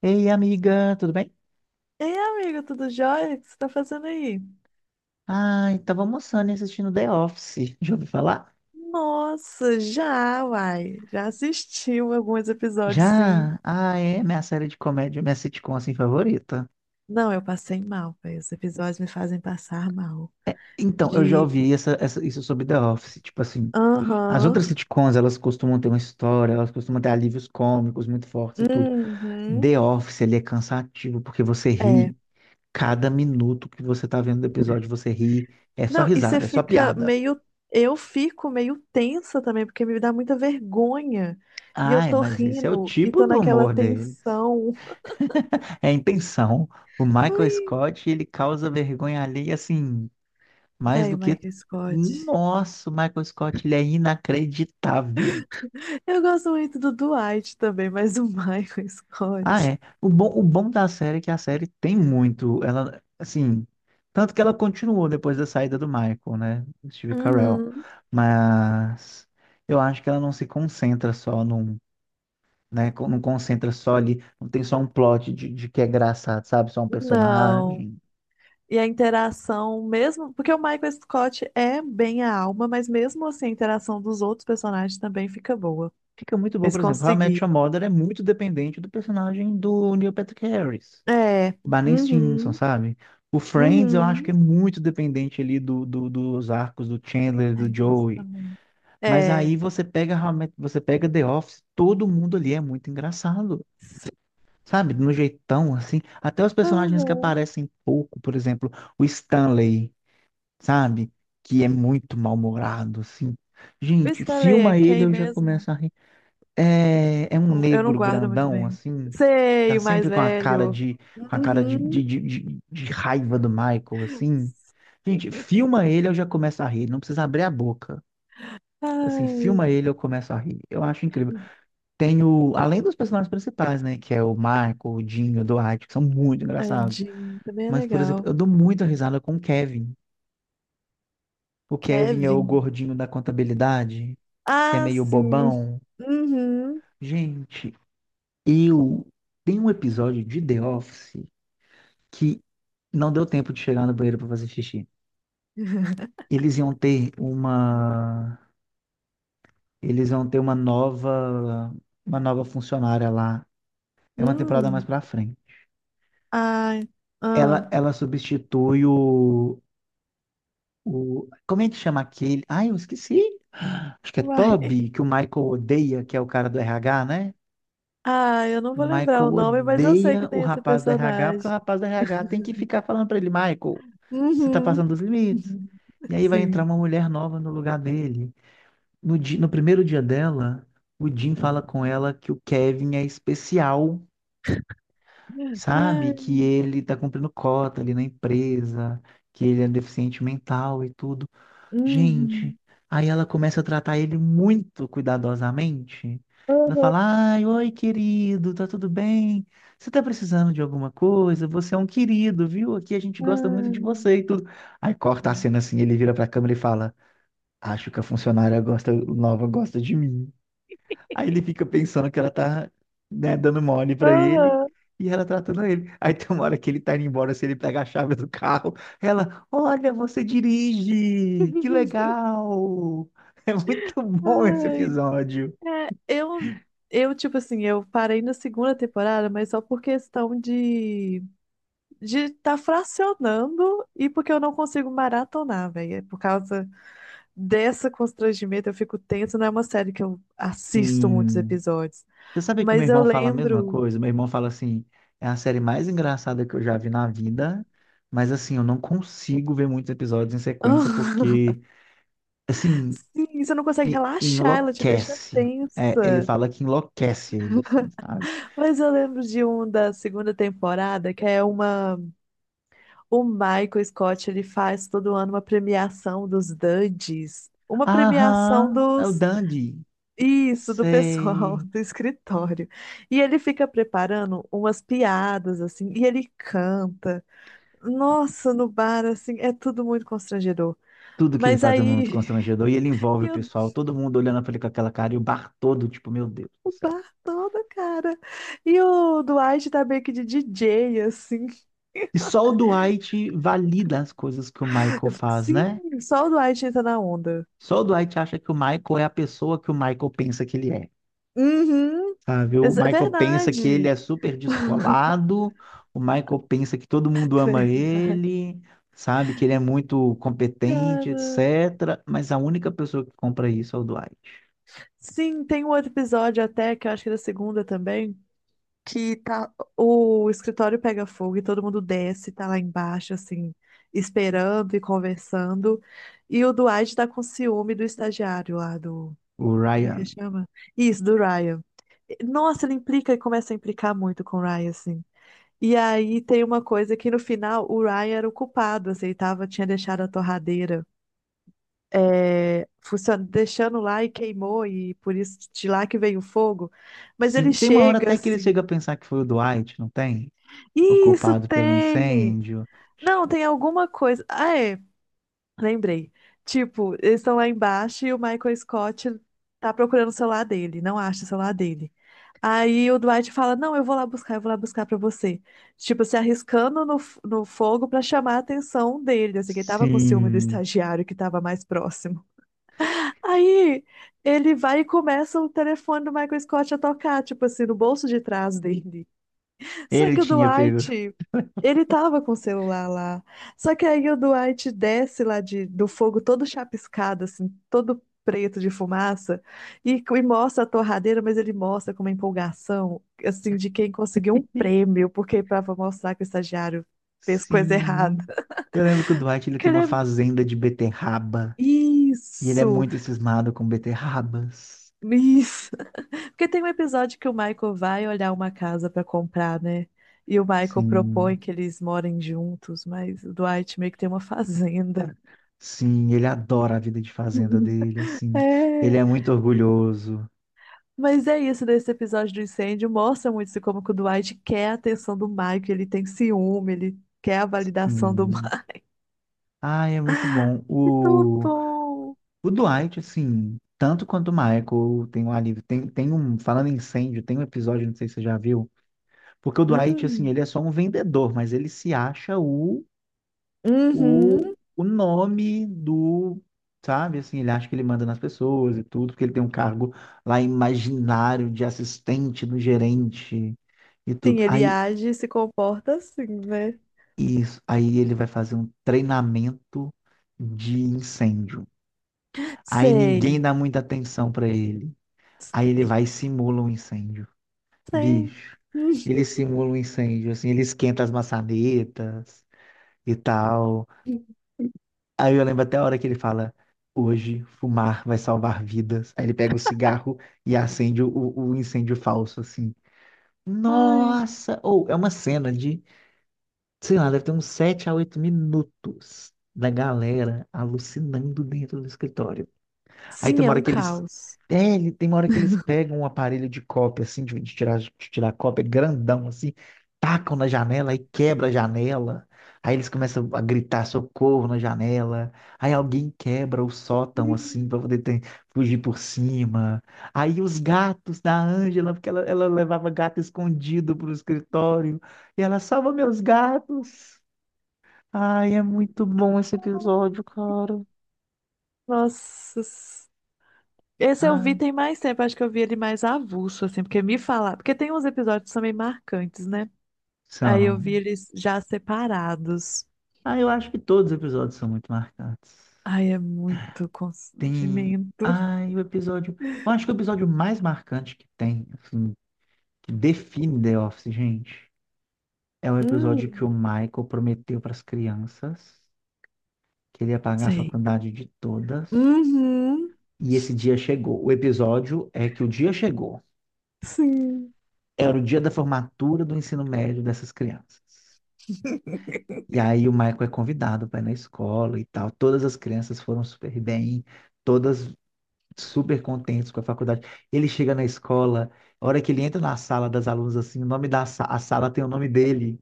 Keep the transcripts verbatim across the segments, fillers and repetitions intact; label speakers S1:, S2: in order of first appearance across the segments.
S1: Ei, amiga, tudo bem?
S2: Ei, amiga, tudo jóia? O que você tá fazendo aí?
S1: Ai, tava almoçando e assistindo The Office. Já ouviu falar?
S2: Nossa, já, uai. Já assistiu alguns episódios, sim.
S1: Já? Ah, é minha série de comédia, minha sitcom assim favorita.
S2: Não, eu passei mal, velho. Os episódios me fazem passar mal.
S1: Então, eu já
S2: De.
S1: ouvi essa, essa- isso sobre The Office. Tipo assim, as
S2: Aham.
S1: outras sitcoms, elas costumam ter uma história, elas costumam ter alívios cômicos muito fortes e tudo.
S2: Uhum.
S1: The Office, ele é cansativo porque você
S2: É.
S1: ri. Cada minuto que você tá vendo o episódio, você ri. É só
S2: Não, e você
S1: risada, é só
S2: fica
S1: piada.
S2: meio. Eu fico meio tensa também, porque me dá muita vergonha. E eu
S1: Ai,
S2: tô
S1: mas esse é o
S2: rindo e
S1: tipo
S2: tô
S1: do
S2: naquela
S1: humor deles.
S2: tensão.
S1: É a intenção. O Michael
S2: Ai.
S1: Scott, ele causa vergonha alheia, assim, mais do
S2: Velho,
S1: que.
S2: Michael Scott.
S1: Nossa, o Michael Scott, ele é inacreditável.
S2: Eu gosto muito do Dwight também, mas o Michael
S1: Ah,
S2: Scott.
S1: é. O bom, o bom da série é que a série tem muito. Ela, assim. Tanto que ela continuou depois da saída do Michael, né? Do Steve Carell.
S2: Uhum.
S1: Mas. Eu acho que ela não se concentra só num. Né? Não concentra só ali. Não tem só um plot de, de que é engraçado, sabe? Só um
S2: Não.
S1: personagem.
S2: E a interação, mesmo. Porque o Michael Scott é bem a alma, mas mesmo assim a interação dos outros personagens também fica boa.
S1: Fica muito bom,
S2: Eles
S1: por exemplo, How I Met Your
S2: conseguiram.
S1: Mother é muito dependente do personagem do Neil Patrick Harris,
S2: É.
S1: Barney Stinson,
S2: Uhum.
S1: sabe? O Friends eu acho
S2: Uhum.
S1: que é muito dependente ali do, do- dos arcos do Chandler, do
S2: Ai, gosto
S1: Joey.
S2: também.
S1: Mas
S2: É.
S1: aí você pega How I Met- você pega The Office, todo mundo ali é muito engraçado, sabe? No jeitão assim, até os personagens que
S2: Uhum.
S1: aparecem pouco, por exemplo, o Stanley, sabe? Que é muito mal-humorado, assim.
S2: O
S1: Gente,
S2: Stanley é
S1: filma ele,
S2: quem
S1: eu já
S2: mesmo?
S1: começo a rir. É, é um
S2: Eu não
S1: negro
S2: guardo muito
S1: grandão,
S2: bem.
S1: assim, tá
S2: Sei, o mais
S1: sempre com a cara
S2: velho.
S1: de, com a cara de, de,
S2: Uhum.
S1: de, de- de raiva do Michael, assim. Gente, filma ele, eu já começo a rir, não precisa abrir a boca. Assim,
S2: Ai.
S1: filma ele, eu começo a rir. Eu acho incrível. Tem o, além dos personagens principais, né, que é o Michael, o Dinho, o Dwight, que são muito engraçados.
S2: Tadinho, também é
S1: Mas, por exemplo,
S2: legal.
S1: eu dou muita risada com o Kevin. O Kevin é o
S2: Kevin.
S1: gordinho da contabilidade, que é
S2: Ah,
S1: meio
S2: sim.
S1: bobão.
S2: Uhum.
S1: Gente, eu tem um episódio de The Office que não deu tempo de chegar no banheiro para fazer xixi. Eles iam ter uma, eles iam ter uma nova, uma nova funcionária lá. É uma temporada mais
S2: Hum.
S1: para frente.
S2: Ai. Ah.
S1: Ela, ela substitui o, o, como é que chama aquele? Ai, eu esqueci. Acho que é
S2: Uai.
S1: Toby, que o Michael odeia, que é o cara do R H, né?
S2: Ah, eu não
S1: O
S2: vou lembrar
S1: Michael
S2: o nome, mas eu sei que
S1: odeia o
S2: tem esse
S1: rapaz do R H, porque o
S2: personagem.
S1: rapaz do R H tem que ficar falando para ele, Michael, você tá
S2: Uhum.
S1: passando dos limites.
S2: Uhum.
S1: E aí vai entrar
S2: Sim.
S1: uma mulher nova no lugar dele. No, di- no primeiro dia dela, o Jim fala com ela que o Kevin é especial, sabe?
S2: Ai.
S1: Que ele tá cumprindo cota ali na empresa, que ele é deficiente mental e tudo. Gente,
S2: Uhum.
S1: aí ela começa a tratar ele muito cuidadosamente. Ela
S2: Uhum.
S1: fala: Ai, oi, querido, tá tudo bem? Você tá precisando de alguma coisa? Você é um querido, viu? Aqui a gente gosta muito de
S2: Ai.
S1: você e tudo. Aí corta a cena assim, ele vira pra câmera e fala: Acho que a funcionária gosta, nova gosta de mim. Aí ele fica pensando que ela tá, né, dando mole pra ele
S2: Uhum.
S1: e ela tratando ele. Aí tem uma hora que ele tá indo embora, se ele pega a chave do carro, ela, olha, você dirige, que legal. É muito bom esse
S2: Ai,
S1: episódio.
S2: é, eu, eu, tipo assim, eu parei na segunda temporada, mas só por questão de de tá fracionando e porque eu não consigo maratonar, velho. É por causa desse constrangimento, eu fico tenso. Não é uma série que eu assisto muitos
S1: Sim.
S2: episódios.
S1: Você sabe que o meu
S2: Mas eu
S1: irmão fala a mesma
S2: lembro.
S1: coisa? Meu irmão fala assim, é a série mais engraçada que eu já vi na vida, mas assim, eu não consigo ver muitos episódios em sequência porque, assim,
S2: Sim, você não consegue
S1: me, me
S2: relaxar, ela te deixa
S1: enlouquece. É, ele
S2: tensa.
S1: fala que enlouquece ele, assim, sabe?
S2: Mas eu lembro de um da segunda temporada, que é uma. O Michael Scott, ele faz todo ano uma premiação dos Duds. Uma premiação
S1: Aham, é o
S2: dos
S1: Dandy.
S2: Isso, do pessoal
S1: Sei.
S2: do escritório. E ele fica preparando umas piadas, assim, e ele canta. Nossa, no bar, assim, é tudo muito constrangedor.
S1: Tudo que ele
S2: Mas
S1: faz é muito
S2: aí,
S1: constrangedor e ele envolve o
S2: e o
S1: pessoal, todo mundo olhando pra ele com aquela cara e o bar todo, tipo, meu Deus
S2: o
S1: do céu.
S2: bar todo, cara. E o Dwight tá meio que de D J, assim.
S1: E só o Dwight valida as coisas que o Michael
S2: Eu fico,
S1: faz, né?
S2: sim, só o Dwight entra na onda.
S1: Só o Dwight acha que o Michael é a pessoa que o Michael pensa que ele é.
S2: Uhum.
S1: Sabe? O
S2: exa-
S1: Michael pensa que ele
S2: Verdade.
S1: é super descolado, o Michael pensa que todo mundo ama
S2: Verdade.
S1: ele, sabe? Que ele é muito competente,
S2: Cara.
S1: et cetera. Mas a única pessoa que compra isso é o Dwight,
S2: Sim, tem um outro episódio até, que eu acho que é da segunda também que tá, o escritório pega fogo e todo mundo desce, tá lá embaixo, assim, esperando e conversando. E o Dwight tá com ciúme do estagiário lá do.
S1: o
S2: Como é que ele
S1: Ryan.
S2: chama? Isso, do Ryan. Nossa, ele implica e começa a implicar muito com o Ryan, assim. E aí tem uma coisa que no final o Ryan era o culpado, assim, ele tava, tinha deixado a torradeira. É, funcion- deixando lá e queimou, e por isso de lá que veio o fogo. Mas
S1: Sim,
S2: ele
S1: tem uma hora
S2: chega
S1: até que ele chega a
S2: assim,
S1: pensar que foi o Dwight, não tem? O
S2: isso
S1: culpado pelo
S2: tem!
S1: incêndio.
S2: Não, tem alguma coisa. Ah, é. Lembrei. Tipo, eles estão lá embaixo e o Michael Scott tá procurando o celular dele, não acha o celular dele. Aí o Dwight fala: não, eu vou lá buscar, eu vou lá buscar pra você. Tipo, se arriscando no, f- no fogo pra chamar a atenção dele. Assim, que ele tava com ciúme do
S1: Sim,
S2: estagiário que tava mais próximo. Aí ele vai e começa o telefone do Michael Scott a tocar, tipo assim, no bolso de trás dele. Só
S1: ele
S2: que o
S1: tinha pego.
S2: Duarte, ele tava com o celular lá. Só que aí o Duarte desce lá de, do fogo todo chapiscado, assim, todo preto de fumaça, e, e mostra a torradeira, mas ele mostra com uma empolgação, assim, de quem conseguiu um prêmio, porque para mostrar que o estagiário fez coisa errada.
S1: Sim. Eu lembro que o Dwight ele
S2: Que
S1: tem
S2: ele
S1: uma
S2: é...
S1: fazenda de beterraba e ele é
S2: Isso!
S1: muito cismado com beterrabas.
S2: Isso! Porque tem um episódio que o Michael vai olhar uma casa pra comprar, né? E o Michael propõe
S1: Sim.
S2: que eles morem juntos, mas o Dwight meio que tem uma fazenda.
S1: Sim, ele adora a vida de fazenda dele, assim. Ele
S2: É.
S1: é muito orgulhoso.
S2: Mas é isso desse episódio do incêndio. Mostra muito isso, como que o Dwight quer a atenção do Michael, ele tem ciúme, ele quer a validação do
S1: Sim.
S2: Michael.
S1: Ah, é muito bom.
S2: Muito
S1: O,
S2: bom!
S1: o Dwight, assim, tanto quanto o Michael, tem um alívio. Tem, tem um, falando em incêndio, tem um episódio, não sei se você já viu, porque o Dwight, assim,
S2: Hum.
S1: ele é só um vendedor, mas ele se acha o, o,
S2: Uhum.
S1: o nome do, sabe, assim, ele acha que ele manda nas pessoas e tudo, porque ele tem um cargo lá imaginário de assistente do gerente e
S2: Sim,
S1: tudo.
S2: ele
S1: Aí.
S2: age e se comporta assim, né?
S1: Isso. Aí ele vai fazer um treinamento de incêndio. Aí
S2: Sei.
S1: ninguém dá muita atenção para ele. Aí ele vai e simula um incêndio.
S2: Sei.
S1: Bicho,
S2: Hum.
S1: ele simula um incêndio, assim, ele esquenta as maçanetas e tal. Aí eu lembro até a hora que ele fala: Hoje fumar vai salvar vidas. Aí ele pega o cigarro e acende o, o incêndio falso, assim.
S2: Ai.
S1: Nossa! Ou é uma cena de sei lá, deve ter uns sete a oito minutos da galera alucinando dentro do escritório. Aí tem
S2: Sim, é
S1: uma hora
S2: um
S1: que eles.
S2: caos.
S1: É, ele- tem uma hora que eles pegam um aparelho de cópia, assim, de, de tirar, de tirar cópia grandão, assim, tacam na janela e quebra a janela. Aí eles começam a gritar socorro na janela. Aí alguém quebra o sótão, assim, pra poder ter- fugir por cima. Aí os gatos da Ângela, porque ela, ela levava gato escondido pro escritório. E ela salva meus gatos. Ai, é muito bom esse episódio, cara.
S2: Nossa. S- Esse eu vi
S1: Ah,
S2: tem mais tempo, acho que eu vi ele mais avulso, assim, porque me falar. Porque tem uns episódios também marcantes, né? Aí eu vi
S1: são.
S2: eles já separados.
S1: Ah, eu acho que todos os episódios são muito marcantes.
S2: Ai, é muito
S1: Tem.
S2: constrangimento.
S1: Ai, o episódio. Eu acho que o episódio mais marcante que tem, assim, que define The Office, gente, é o episódio
S2: Hum,
S1: que o Michael prometeu para as crianças que ele ia pagar a
S2: sei.
S1: faculdade de todas.
S2: Uhum,
S1: E esse dia chegou. O episódio é que o dia chegou.
S2: sim.
S1: Era o dia da formatura do ensino médio dessas crianças. E aí o Michael é convidado para ir na escola e tal. Todas as crianças foram super bem, todas super contentes com a faculdade. Ele chega na escola, a hora que ele entra na sala das alunas, assim, o nome da sa- a sala tem o nome dele.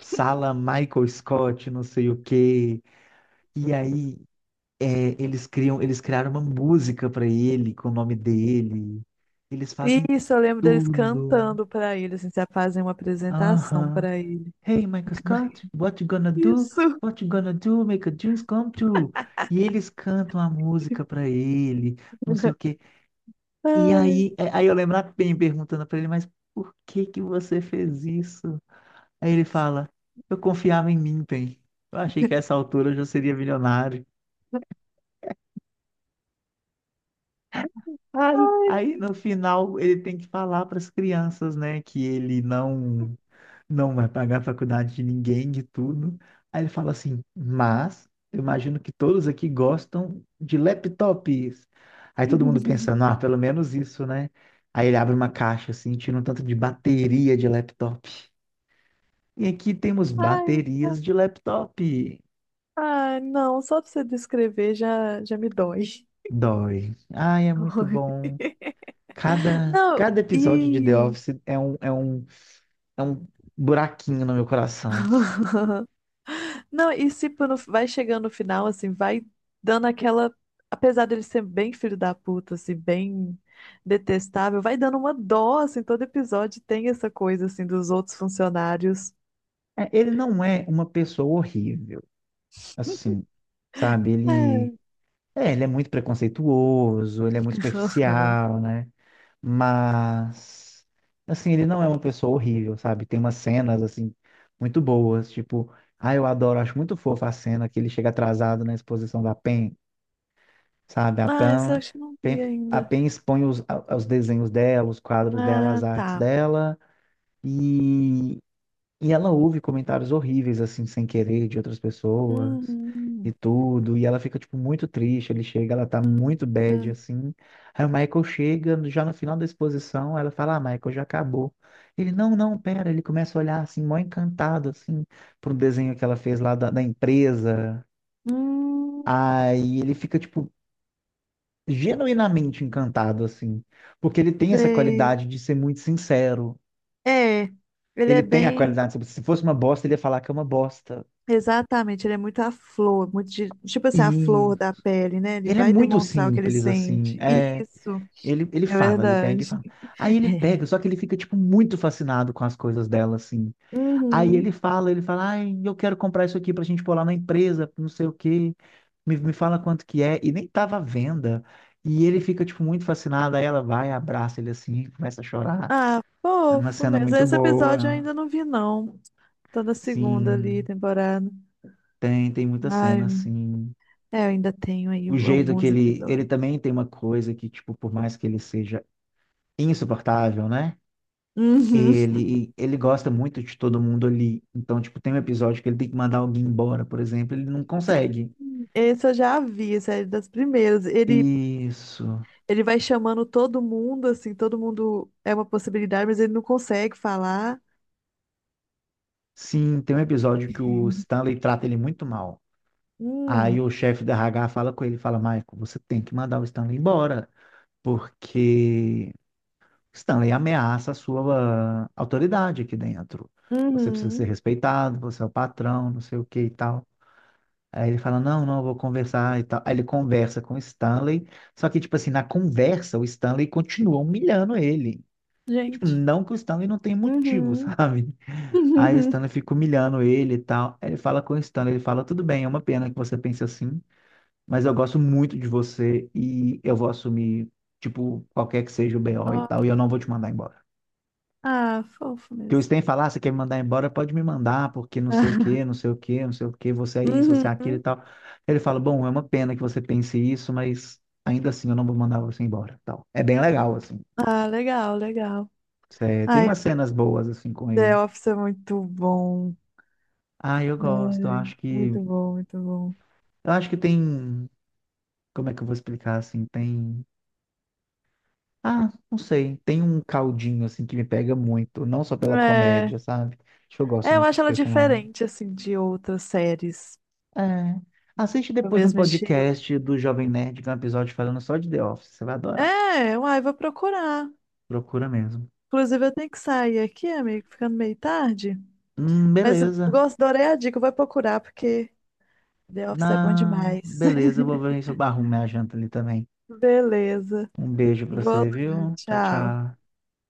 S1: Sala Michael Scott, não sei o quê. E aí é, eles criam, eles criaram uma música para ele com o nome dele. Eles fazem
S2: Isso, eu lembro deles
S1: tudo.
S2: cantando pra ele, assim, já fazem uma apresentação
S1: Aham.
S2: pra ele.
S1: Hey, Michael Scott, what you gonna do?
S2: Isso.
S1: What you gonna do? Make a dreams come true. E eles cantam a música pra ele, não sei o quê. E
S2: Ai,
S1: aí, é- aí eu lembro a Pen perguntando pra ele, mas por que que você fez isso? Aí ele fala, eu confiava em mim, Pen. Eu achei que a essa altura eu já seria milionário. Aí,
S2: ai.
S1: aí no final ele tem que falar para as crianças, né, que ele não não vai pagar a faculdade de ninguém, de tudo. Aí ele fala assim, mas eu imagino que todos aqui gostam de laptops. Aí todo mundo pensando, ah, pelo menos isso, né? Aí ele abre uma caixa assim, tira um tanto de bateria de laptop. E aqui temos
S2: Ai.
S1: baterias de laptop.
S2: Ah, não, só de você descrever já, já me dói.
S1: Dói. Ai, é muito bom. Cada,
S2: Não,
S1: cada episódio de The
S2: e.
S1: Office é um, é um, é um buraquinho no meu coração.
S2: Não, e se tipo, vai chegando no final, assim, vai dando aquela. Apesar dele ser bem filho da puta, assim, bem detestável, vai dando uma dó, assim, todo episódio tem essa coisa, assim, dos outros funcionários.
S1: É, ele não é uma pessoa horrível. Assim, sabe? Ele
S2: É.
S1: é, ele é muito preconceituoso, ele é muito superficial, né? Mas assim, ele não é uma pessoa horrível, sabe? Tem umas cenas assim muito boas, tipo, ah, eu adoro, acho muito fofa a cena que ele chega atrasado na exposição da Pen, sabe? A
S2: Ah, essa eu
S1: Pen,
S2: acho que não
S1: Pen-
S2: vi
S1: a
S2: ainda.
S1: Pen expõe os, a- os desenhos dela, os quadros dela,
S2: Ah,
S1: as artes
S2: tá.
S1: dela. e e ela ouve comentários horríveis, assim, sem querer, de outras pessoas e
S2: Hum,
S1: tudo. E ela fica, tipo, muito triste. Ele chega, ela tá
S2: hum, hum,
S1: muito bad,
S2: hum,
S1: assim. Aí o Michael chega, já no final da exposição, ela fala, ah, Michael, já acabou. Ele, não, não, pera. Ele começa a olhar, assim, mó encantado, assim, pro desenho que ela fez lá da, da empresa.
S2: hum,
S1: Aí ele fica, tipo, genuinamente encantado, assim. Porque ele tem essa
S2: sei.
S1: qualidade de ser muito sincero.
S2: É, ele
S1: Ele
S2: é
S1: tem a
S2: bem.
S1: qualidade, se fosse uma bosta, ele ia falar que é uma bosta.
S2: Exatamente, ele é muito a flor, muito de- tipo assim, a flor da pele, né? Ele
S1: Ele é
S2: vai
S1: muito
S2: demonstrar o que ele
S1: simples, assim.
S2: sente.
S1: É,
S2: Isso,
S1: ele, ele
S2: é
S1: fala, ele pega e
S2: verdade.
S1: fala. Aí ele pega, só que ele fica, tipo, muito fascinado com as coisas dela, assim. Aí
S2: Uhum.
S1: ele fala, ele fala, ai, eu quero comprar isso aqui pra gente pôr lá na empresa, não sei o quê. Me, me fala quanto que é. E nem tava à venda. E ele fica, tipo, muito fascinado. Aí ela vai, abraça ele, assim, começa a chorar.
S2: Ah,
S1: É uma
S2: fofo
S1: cena
S2: mesmo.
S1: muito
S2: Esse episódio eu
S1: boa.
S2: ainda não vi, não. Tô na segunda ali,
S1: Sim,
S2: temporada.
S1: tem, tem muita cena,
S2: Ai,
S1: assim.
S2: é, eu ainda tenho aí
S1: O jeito que
S2: alguns
S1: ele,
S2: episódios.
S1: ele também tem uma coisa que, tipo, por mais que ele seja insuportável, né?
S2: Uhum.
S1: Ele, ele gosta muito de todo mundo ali. Então, tipo, tem um episódio que ele tem que mandar alguém embora, por exemplo, ele não consegue.
S2: Esse eu já vi, esse é das primeiras. Ele,
S1: Isso.
S2: ele vai chamando todo mundo, assim, todo mundo é uma possibilidade, mas ele não consegue falar.
S1: Sim, tem um episódio que o Stanley trata ele muito mal. Aí o
S2: Hum,
S1: chefe da R H fala com ele, fala, Michael, você tem que mandar o Stanley embora, porque Stanley ameaça a sua autoridade aqui dentro. Você precisa ser
S2: uhum,
S1: respeitado, você é o patrão, não sei o que e tal. Aí ele fala, não, não, eu vou conversar e tal. Aí ele conversa com o Stanley, só que, tipo assim, na conversa, o Stanley continua humilhando ele. E, tipo,
S2: gente.
S1: não que o Stanley não tem motivo,
S2: Uhum.
S1: sabe? Aí o Stanley fica humilhando ele e tal. Aí ele fala com o Stanley, ele fala, tudo bem, é uma pena que você pense assim, mas eu gosto muito de você e eu vou assumir, tipo, qualquer que seja o B O e tal, e
S2: Ó,
S1: eu não vou te mandar embora.
S2: Ah, fofo
S1: Que o
S2: mesmo.
S1: Stan fala, ah, você quer me mandar embora? Pode me mandar, porque não sei o quê, não sei o quê, não sei o quê, você é isso, você é aquilo e
S2: Uhum.
S1: tal. Ele fala, bom, é uma pena que você pense isso, mas ainda assim eu não vou mandar você embora, tal. É bem legal, assim.
S2: Ah, legal, legal.
S1: Cê- tem
S2: Ai,
S1: umas cenas boas, assim, com
S2: The
S1: ele.
S2: Office é muito bom.
S1: Ah, eu gosto, eu acho que...
S2: Muito bom, muito bom.
S1: Eu acho que tem... Como é que eu vou explicar, assim? Tem... Ah, não sei. Tem um caldinho, assim, que me pega muito. Não só pela
S2: É,
S1: comédia, sabe? Acho que eu gosto
S2: É, eu
S1: muito
S2: acho
S1: dos
S2: ela
S1: personagens.
S2: diferente, assim, de outras séries
S1: É. Assiste
S2: do
S1: depois um
S2: mesmo estilo.
S1: podcast do Jovem Nerd, que é um episódio falando só de The Office. Você vai adorar.
S2: É, uai, vou procurar.
S1: Procura mesmo.
S2: Inclusive, eu tenho que sair aqui, amigo, ficando meio tarde.
S1: Hum,
S2: Mas eu
S1: beleza.
S2: gosto, adorei a dica, eu vou procurar, porque The Office é bom
S1: Na...
S2: demais.
S1: Beleza, eu vou ver se eu arrumo minha janta ali também.
S2: Beleza.
S1: Um beijo pra
S2: Vou
S1: você,
S2: lá,
S1: viu? Tchau,
S2: tchau.
S1: tchau.